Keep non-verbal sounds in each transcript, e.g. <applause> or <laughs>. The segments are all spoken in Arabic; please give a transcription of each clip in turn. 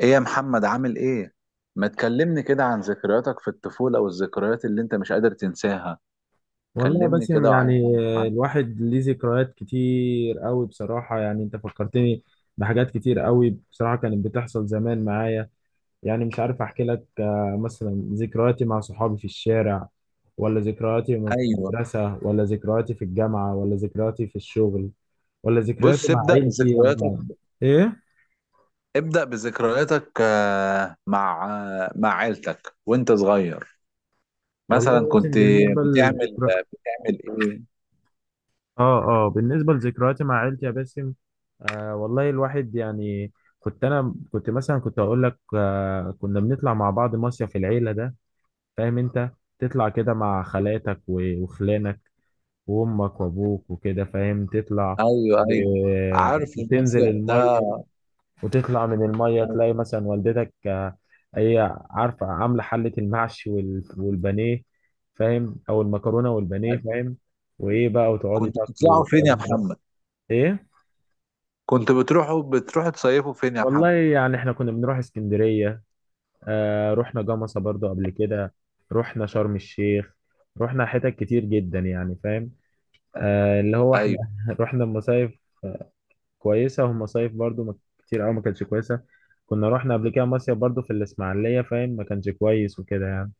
ايه يا محمد عامل ايه؟ ما تكلمني كده عن ذكرياتك في الطفولة والذكريات اللي انت مش قادر تنساها. والله يا كلمني باسم كده وعايز اعرف يعني عنها. الواحد ليه ذكريات كتير قوي بصراحة. يعني انت فكرتني بحاجات كتير قوي بصراحة كانت بتحصل زمان معايا. يعني مش عارف احكي لك، مثلا ذكرياتي مع صحابي في الشارع، ولا ذكرياتي وأنا في ايوه، المدرسة، ولا ذكرياتي في الجامعة، ولا ذكرياتي في الشغل، ولا ذكرياتي بص مع ابدأ عيلتي. بذكرياتك، أما ايه، ابدأ بذكرياتك مع مع عيلتك وانت صغير. والله مثلا يا كنت باسم بالنسبة بتعمل للذكريات، بتعمل ايه؟ اه، اه، بالنسبة لذكرياتي مع عيلتي يا باسم، والله الواحد يعني كنت انا مثلا كنت اقول لك آه، كنا بنطلع مع بعض مصيف العيلة ده، فاهم انت؟ تطلع كده مع خالاتك وخلانك وامك وابوك وكده، فاهم؟ تطلع ايوه ايوه، عارف وتنزل المصيف ده. المية، وتطلع من المية أيوة. تلاقي مثلا والدتك آه، هي عارفة عاملة حلة المحشي والبانيه، فاهم؟ او المكرونة والبانيه، فاهم؟ وايه بقى، وتقعدي كنت تاكلوا بتطلعوا فين يا والكلام ده. محمد؟ ايه، كنت بتروحوا تصيفوا فين يا والله محمد؟ يعني احنا كنا بنروح اسكندرية، آه رحنا جمصة برضو قبل كده، رحنا شرم الشيخ، رحنا حتت كتير جدا يعني، فاهم؟ آه اللي هو احنا ايوه. <laughs> رحنا مصايف كويسة، ومصايف برضو ما كتير أوي ما كانتش كويسة. كنا رحنا قبل كده مصيف برضو في الإسماعيلية، فاهم، ما كانش كويس وكده يعني.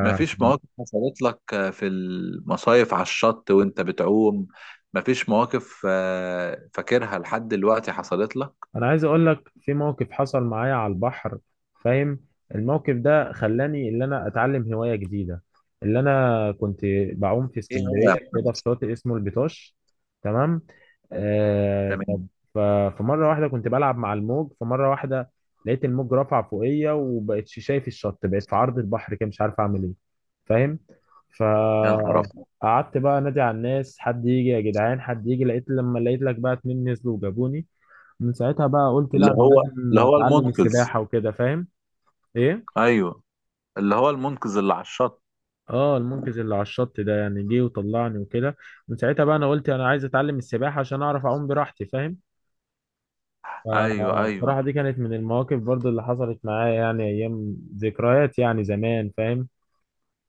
مفيش مواقف حصلت لك في المصايف على الشط وانت بتعوم؟ مفيش مواقف فاكرها لحد دلوقتي حصلت لك؟ انا عايز اقول لك في موقف حصل معايا على البحر، فاهم؟ الموقف ده خلاني ان انا اتعلم هواية جديدة. اللي انا كنت بعوم في ايه هو يا اسكندرية كده محمد؟ في شاطئ اسمه البيطاش، تمام؟ آه، تمام. ف... فمرة واحدة كنت بلعب مع الموج. فمرة واحدة، لقيت الموج رفع فوقيا وبقتش شايف الشط، بقيت في عرض البحر كده مش عارف اعمل ايه، فاهم؟ يا نهار ابيض. فقعدت بقى انادي على الناس، حد يجي يا جدعان، حد يجي، لقيت لقيت لك بقى اتنين نزلوا وجابوني. من ساعتها بقى قلت لا، انا اللي لازم هو اتعلم المنقذ. السباحه وكده، فاهم؟ ايه، ايوه. اللي هو المنقذ اللي على الشط. اه المنقذ اللي على الشط ده يعني جه وطلعني وكده. من ساعتها بقى انا قلت انا عايز اتعلم السباحه عشان اعرف اعوم براحتي، فاهم؟ ايوه ايوه. فالصراحه دي كانت من المواقف برضو اللي حصلت معايا، يعني ايام ذكريات يعني زمان، فاهم؟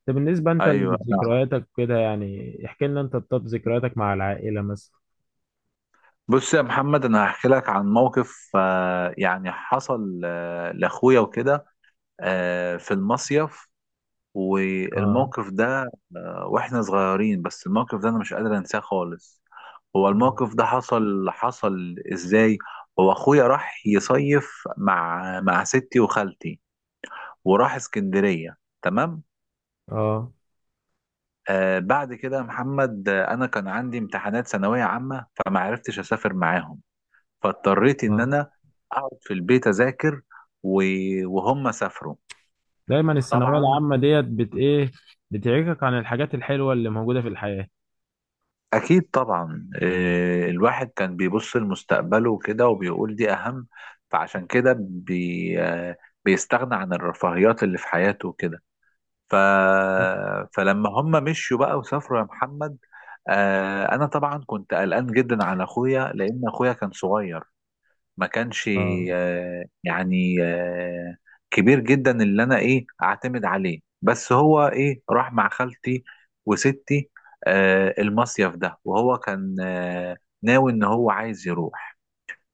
طب بالنسبه انت ايوه نعم. لذكرياتك كده، يعني احكي لنا انت، طب ذكرياتك مع العائله مثلا. بص يا محمد، انا هحكي لك عن موقف يعني حصل لاخويا وكده، في المصيف. اه، والموقف ده واحنا صغيرين، بس الموقف ده انا مش قادر انساه خالص. هو الموقف ده حصل ازاي؟ هو اخويا راح يصيف مع ستي وخالتي، وراح اسكندرية، تمام. اه، بعد كده يا محمد، انا كان عندي امتحانات ثانوية عامة فما عرفتش اسافر معاهم، فاضطريت ان اه، انا اقعد في البيت اذاكر، وهم سافروا. دايما الثانويه طبعا، العامه ديت بت ايه، بتعيقك عن الحاجات الحلوه اللي موجوده في الحياه. أكيد طبعا. الواحد كان بيبص لمستقبله وكده وبيقول دي أهم، فعشان كده بي آه، بيستغنى عن الرفاهيات اللي في حياته وكده. ف... فلما هم مشوا بقى وسافروا يا محمد، أنا طبعا كنت قلقان جدا على أخويا، لأن أخويا كان صغير، ما كانش اه، آه، يعني آه، كبير جدا اللي انا ايه اعتمد عليه، بس هو ايه راح مع خالتي وستي المصيف ده، وهو كان ناوي ان هو عايز يروح.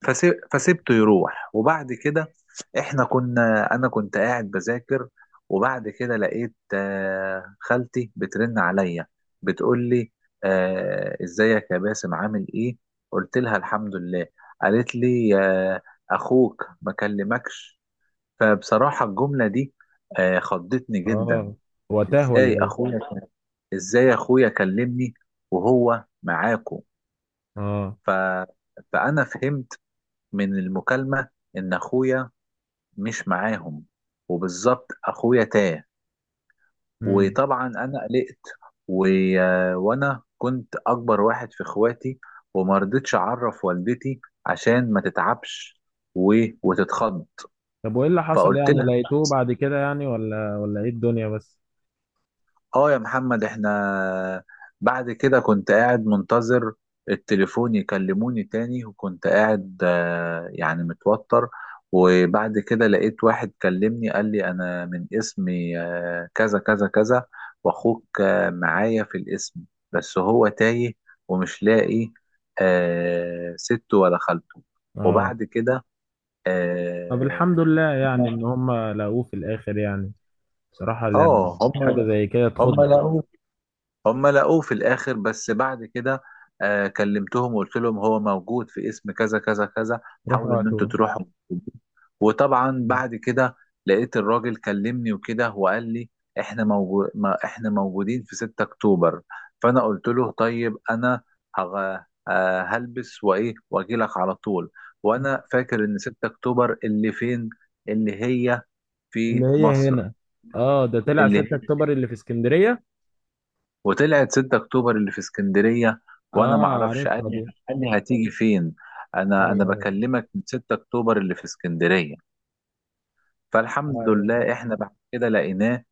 فسيبته يروح. وبعد كده، احنا كنا انا كنت قاعد بذاكر، وبعد كده لقيت خالتي بترن عليا، بتقول لي ازيك يا باسم عامل ايه؟ قلت لها الحمد لله. قالت لي اخوك ما كلمكش؟ فبصراحة الجملة دي خضتني جدا. اه، وتاه ولا ازاي ايه؟ اخويا ازاي اخويا كلمني وهو معاكو؟ اه. ف... فانا فهمت من المكالمة إن أخويا مش معاهم، وبالظبط أخويا تاه. امم. وطبعا أنا قلقت، و... وأنا كنت أكبر واحد في إخواتي، وما رضيتش أعرف والدتي عشان ما تتعبش و... وتتخض. طب وايه اللي حصل فقلت يعني، لها لقيتوه بعد كده يعني ولا ايه الدنيا بس؟ اه يا محمد، احنا بعد كده كنت قاعد منتظر التليفون يكلموني تاني، وكنت قاعد متوتر. وبعد كده لقيت واحد كلمني، قال لي انا من اسمي كذا كذا كذا، واخوك معايا في الاسم، بس هو تايه ومش لاقي سته ولا خالته. اه، وبعد كده طب اه الحمد لله يعني ان هم لقوه في الاخر يعني، بصراحة يعني آه، هم حاجة زي كده هم تخض. لقوه. هم لقوه في الاخر. بس بعد كده آه كلمتهم وقلت لهم هو موجود في اسم كذا كذا كذا، حاولوا روحوا ان انتوا هاتوه. تروحوا. وطبعا بعد كده لقيت الراجل كلمني وكده وقال لي احنا موجود، ما احنا موجودين في 6 اكتوبر. فانا قلت له طيب انا هغ... آه، هلبس وايه واجي لك على طول. وانا فاكر ان 6 اكتوبر اللي فين، اللي هي اللي في هي مصر. هنا؟ اه ده طلع 6 اللي اكتوبر اللي في اسكندرية. وطلعت 6 اكتوبر اللي في اسكندريه، وانا اه ما اعرفش. عارفها دي. قال لي هتيجي فين؟ انا ايوه، بكلمك من 6 اكتوبر اللي في اسكندريه. ايوه، فالحمد أيوة. لله احنا بعد كده لقيناه.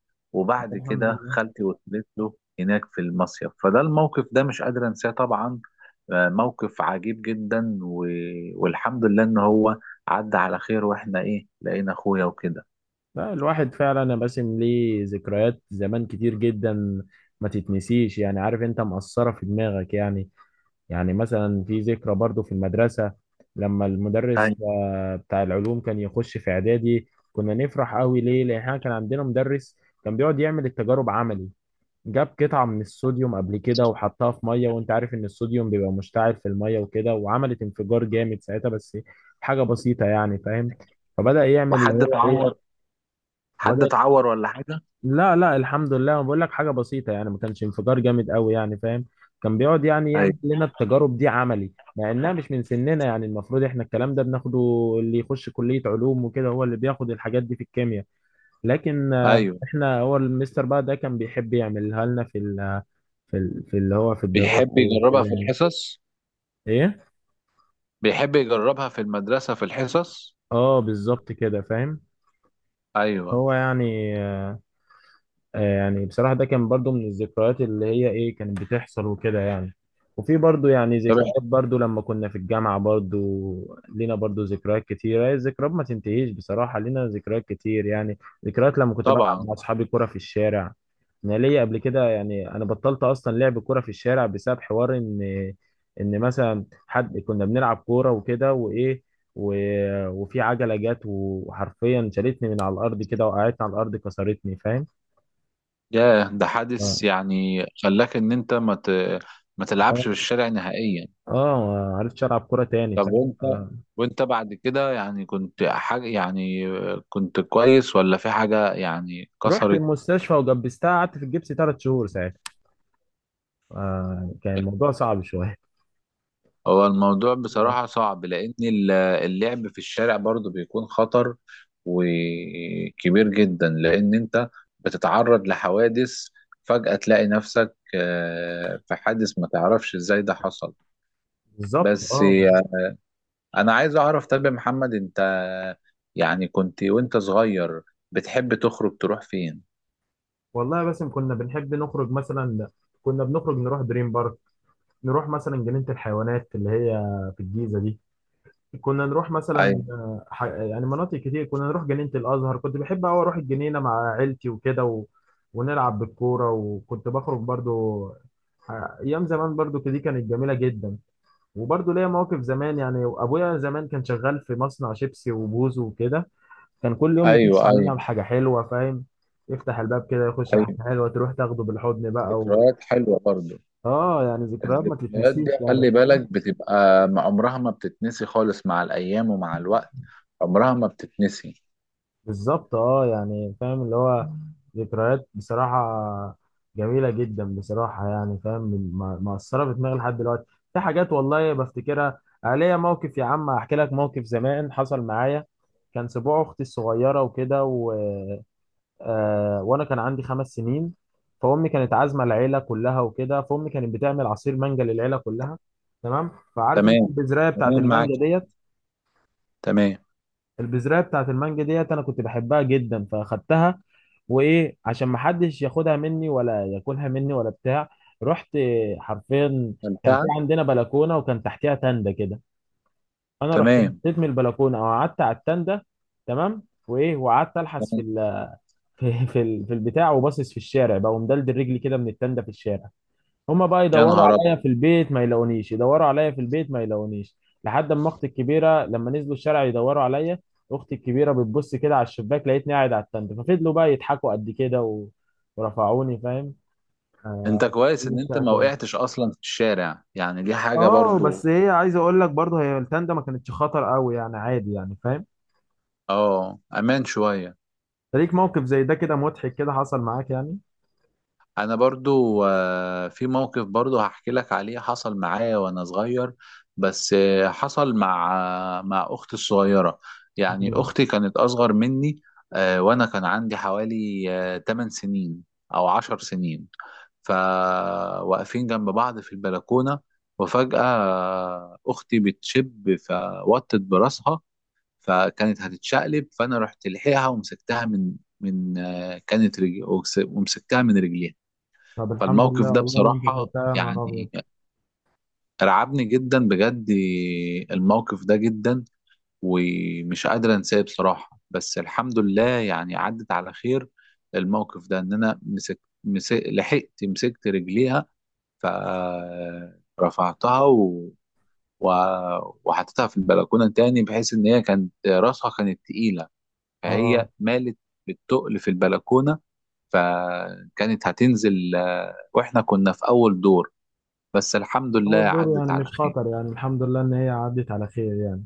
طب وبعد الحمد كده لله. خالتي وصلت له هناك في المصيف. فده الموقف ده مش قادر انساه طبعا، موقف عجيب جدا، والحمد لله ان هو عدى على خير واحنا ايه لقينا اخويا وكده. لا، الواحد فعلا يا باسم ليه ذكريات زمان كتير جدا ما تتنسيش يعني، عارف انت، مأثرة في دماغك يعني. يعني مثلا في ذكرى برضو في المدرسة، لما المدرس ايوه. بتاع العلوم كان يخش في اعدادي كنا نفرح قوي ليه، لان احنا كان عندنا مدرس كان بيقعد يعمل التجارب عملي. جاب قطعة من الصوديوم قبل كده وحطها في مية، وانت عارف ان الصوديوم بيبقى مشتعل في المية وكده، وعملت انفجار جامد ساعتها، بس حاجة بسيطة يعني، فاهم؟ فبدأ يعمل اللي وحد هو اتعور؟ ايه، حد بدأ، اتعور ولا حاجه؟ لا لا الحمد لله انا بقول لك حاجه بسيطه يعني، ما كانش انفجار جامد قوي يعني، فاهم؟ كان بيقعد يعني يعمل ايوه لنا التجارب دي عملي، مع انها مش من سننا يعني، المفروض احنا الكلام ده بناخده اللي يخش كليه علوم وكده، هو اللي بياخد الحاجات دي في الكيمياء، لكن ايوه. احنا هو المستر بقى ده كان بيحب يعملها لنا في ال في اللي هو في الدراسه بيحب وكده يجربها في يعني. الحصص. ايه، بيحب يجربها في المدرسة في الحصص. اه بالظبط كده، فاهم؟ أيوة هو يعني يعني بصراحة ده كان برضو من الذكريات اللي هي ايه، كانت بتحصل وكده يعني. وفي برضو يعني طبعا ذكريات برضو لما كنا في الجامعة، برضو لينا برضو ذكريات كتيرة، هي الذكريات ما تنتهيش بصراحة، لينا ذكريات كتير يعني. ذكريات لما كنت بلعب طبعا. مع أصحابي كرة في الشارع. أنا ليا قبل كده يعني، أنا بطلت أصلا لعب كرة في الشارع بسبب حوار إن، مثلا حد كنا بنلعب كورة وكده، وإيه، و... وفي عجلة جت وحرفيا شالتني من على الأرض كده، وقعدتني على الأرض كسرتني، فاهم؟ ياه، ده حادث يعني خلاك إن أنت ما تلعبش اه، في الشارع نهائيا. اه، ما عرفتش العب كوره تاني، طب فاهم وأنت آه. وأنت بعد كده يعني كنت حاجة يعني، كنت كويس ولا في حاجة يعني؟ رحت المستشفى وجبستها، قعدت في الجبس 3 شهور ساعتها، آه. كان الموضوع كسرت؟ صعب شويه. هو الموضوع بصراحة <laughs> صعب، لأن اللعب في الشارع برضو بيكون خطر وكبير جدا، لأن أنت بتتعرض لحوادث، فجأة تلاقي نفسك في حادث ما تعرفش إزاي ده حصل. بالظبط بس اه. أنا عايز أعرف، طب يا محمد أنت يعني كنت وأنت صغير بتحب تخرج تروح فين؟ والله بس كنا بنحب نخرج مثلا، كنا بنخرج نروح دريم بارك، نروح مثلا جنينة الحيوانات اللي هي في الجيزة دي، كنا نروح مثلا أيوه آه، يعني مناطق كتير، كنا نروح جنينة الأزهر، كنت بحب أوي أروح الجنينة مع عيلتي وكده، و... ونلعب بالكورة، وكنت بخرج برضو آه، أيام زمان برضو دي كانت جميلة جدا. وبرضه ليا مواقف زمان، يعني ابويا زمان كان شغال في مصنع شيبسي وبوز وكده، كان كل يوم يخش أيوه. أيوه علينا بحاجه حلوه، فاهم؟ يفتح الباب كده يخش بحاجه أيوه. حلوه، تروح تاخده بالحضن بقى و... ذكريات حلوة برضو. اه يعني ذكريات ما الذكريات دي تتنسيش خلي يعني، فاهم؟ بالك بتبقى عمرها ما بتتنسي خالص، مع الأيام ومع الوقت عمرها ما بتتنسي. بالظبط اه، يعني فاهم اللي هو ذكريات بصراحه جميله جدا بصراحه، يعني فاهم، مأثره في دماغي لحد دلوقتي، في حاجات والله بفتكرها. آه، ليا موقف يا عم، احكي لك موقف زمان حصل معايا. كان سبوع اختي الصغيره وكده، و آه، وانا كان عندي 5 سنين، فامي كانت عازمه العيله كلها وكده، فامي كانت بتعمل عصير مانجا للعيله كلها، تمام؟ فعارف انت تمام. البذرايه بتاعت تمام معاك. المانجا ديت؟ تمام. البذرايه بتاعت المانجا ديت انا كنت بحبها جدا، فاخدتها وايه عشان ما حدش ياخدها مني ولا ياكلها مني ولا بتاع. رحت آه، حرفيا كان في ممتعة. عندنا بلكونه، وكان تحتها تندة كده، انا رحت تمام. نطيت من البلكونه او قعدت على التندة، تمام. وايه وقعدت الحس تمام. في في <laughs> في في البتاع، وباصص في الشارع بقى ومدلدل رجلي كده من التندة في الشارع. هما بقى يا يدوروا نهار أبيض. عليا في البيت ما يلاقونيش، يدوروا عليا في البيت ما يلاقونيش، لحد ما اختي الكبيرة لما نزلوا الشارع يدوروا عليا، اختي الكبيرة بتبص كده على الشباك لقيتني قاعد على التندة. ففضلوا بقى يضحكوا قد كده و... ورفعوني، فاهم؟ أنت كويس إن مش أنت ما تاني. وقعتش أصلا في الشارع، يعني دي حاجة اه برضو. بس هي عايز اقول لك برضه هي التندة ما كانتش خطر قوي يعني، عادي يعني، فاهم؟ أه، أمان شوية. فليك موقف زي ده كده مضحك كده حصل معاك يعني؟ انا برضو في موقف برضو هحكي لك عليه، حصل معايا وانا صغير، بس حصل مع مع اختي الصغيرة. يعني مم. اختي كانت اصغر مني، وانا كان عندي حوالي 8 سنين او 10 سنين. فواقفين جنب بعض في البلكونة، وفجأة اختي بتشب فوطت براسها، فكانت هتتشقلب، فانا رحت لحقها ومسكتها من كانت رجل، ومسكتها من رجليها. طب الحمد فالموقف لله ده والله اللي انت بصراحة لحقتها، يا نهار يعني ابيض. رعبني جدا بجد، الموقف ده جدا، ومش قادر انساه بصراحة، بس الحمد لله يعني عدت على خير. الموقف ده ان انا مسك مسك لحقت مسكت رجليها، فرفعتها و... وحطيتها في البلكونة تاني، بحيث ان هي كانت راسها كانت تقيلة، فهي اه، مالت بالتقل في البلكونة، فكانت هتنزل، واحنا كنا في اول دور، بس الحمد لله اول دور عدت يعني على مش خير. خطر يعني، الحمد لله ان هي عدت على خير يعني.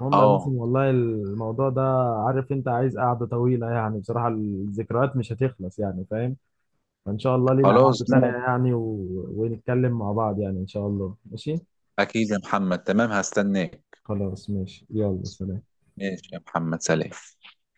المهم يا باسم اه والله الموضوع ده، عارف انت، عايز قعدة طويلة يعني، بصراحة الذكريات مش هتخلص يعني، فاهم؟ فان شاء الله لينا خلاص قعدة تانية نقعد. يعني، و... ونتكلم مع بعض يعني، ان شاء الله ماشي. اكيد يا محمد، تمام، هستناك. خلاص ماشي، يلا سلام. ماشي يا محمد، سلام.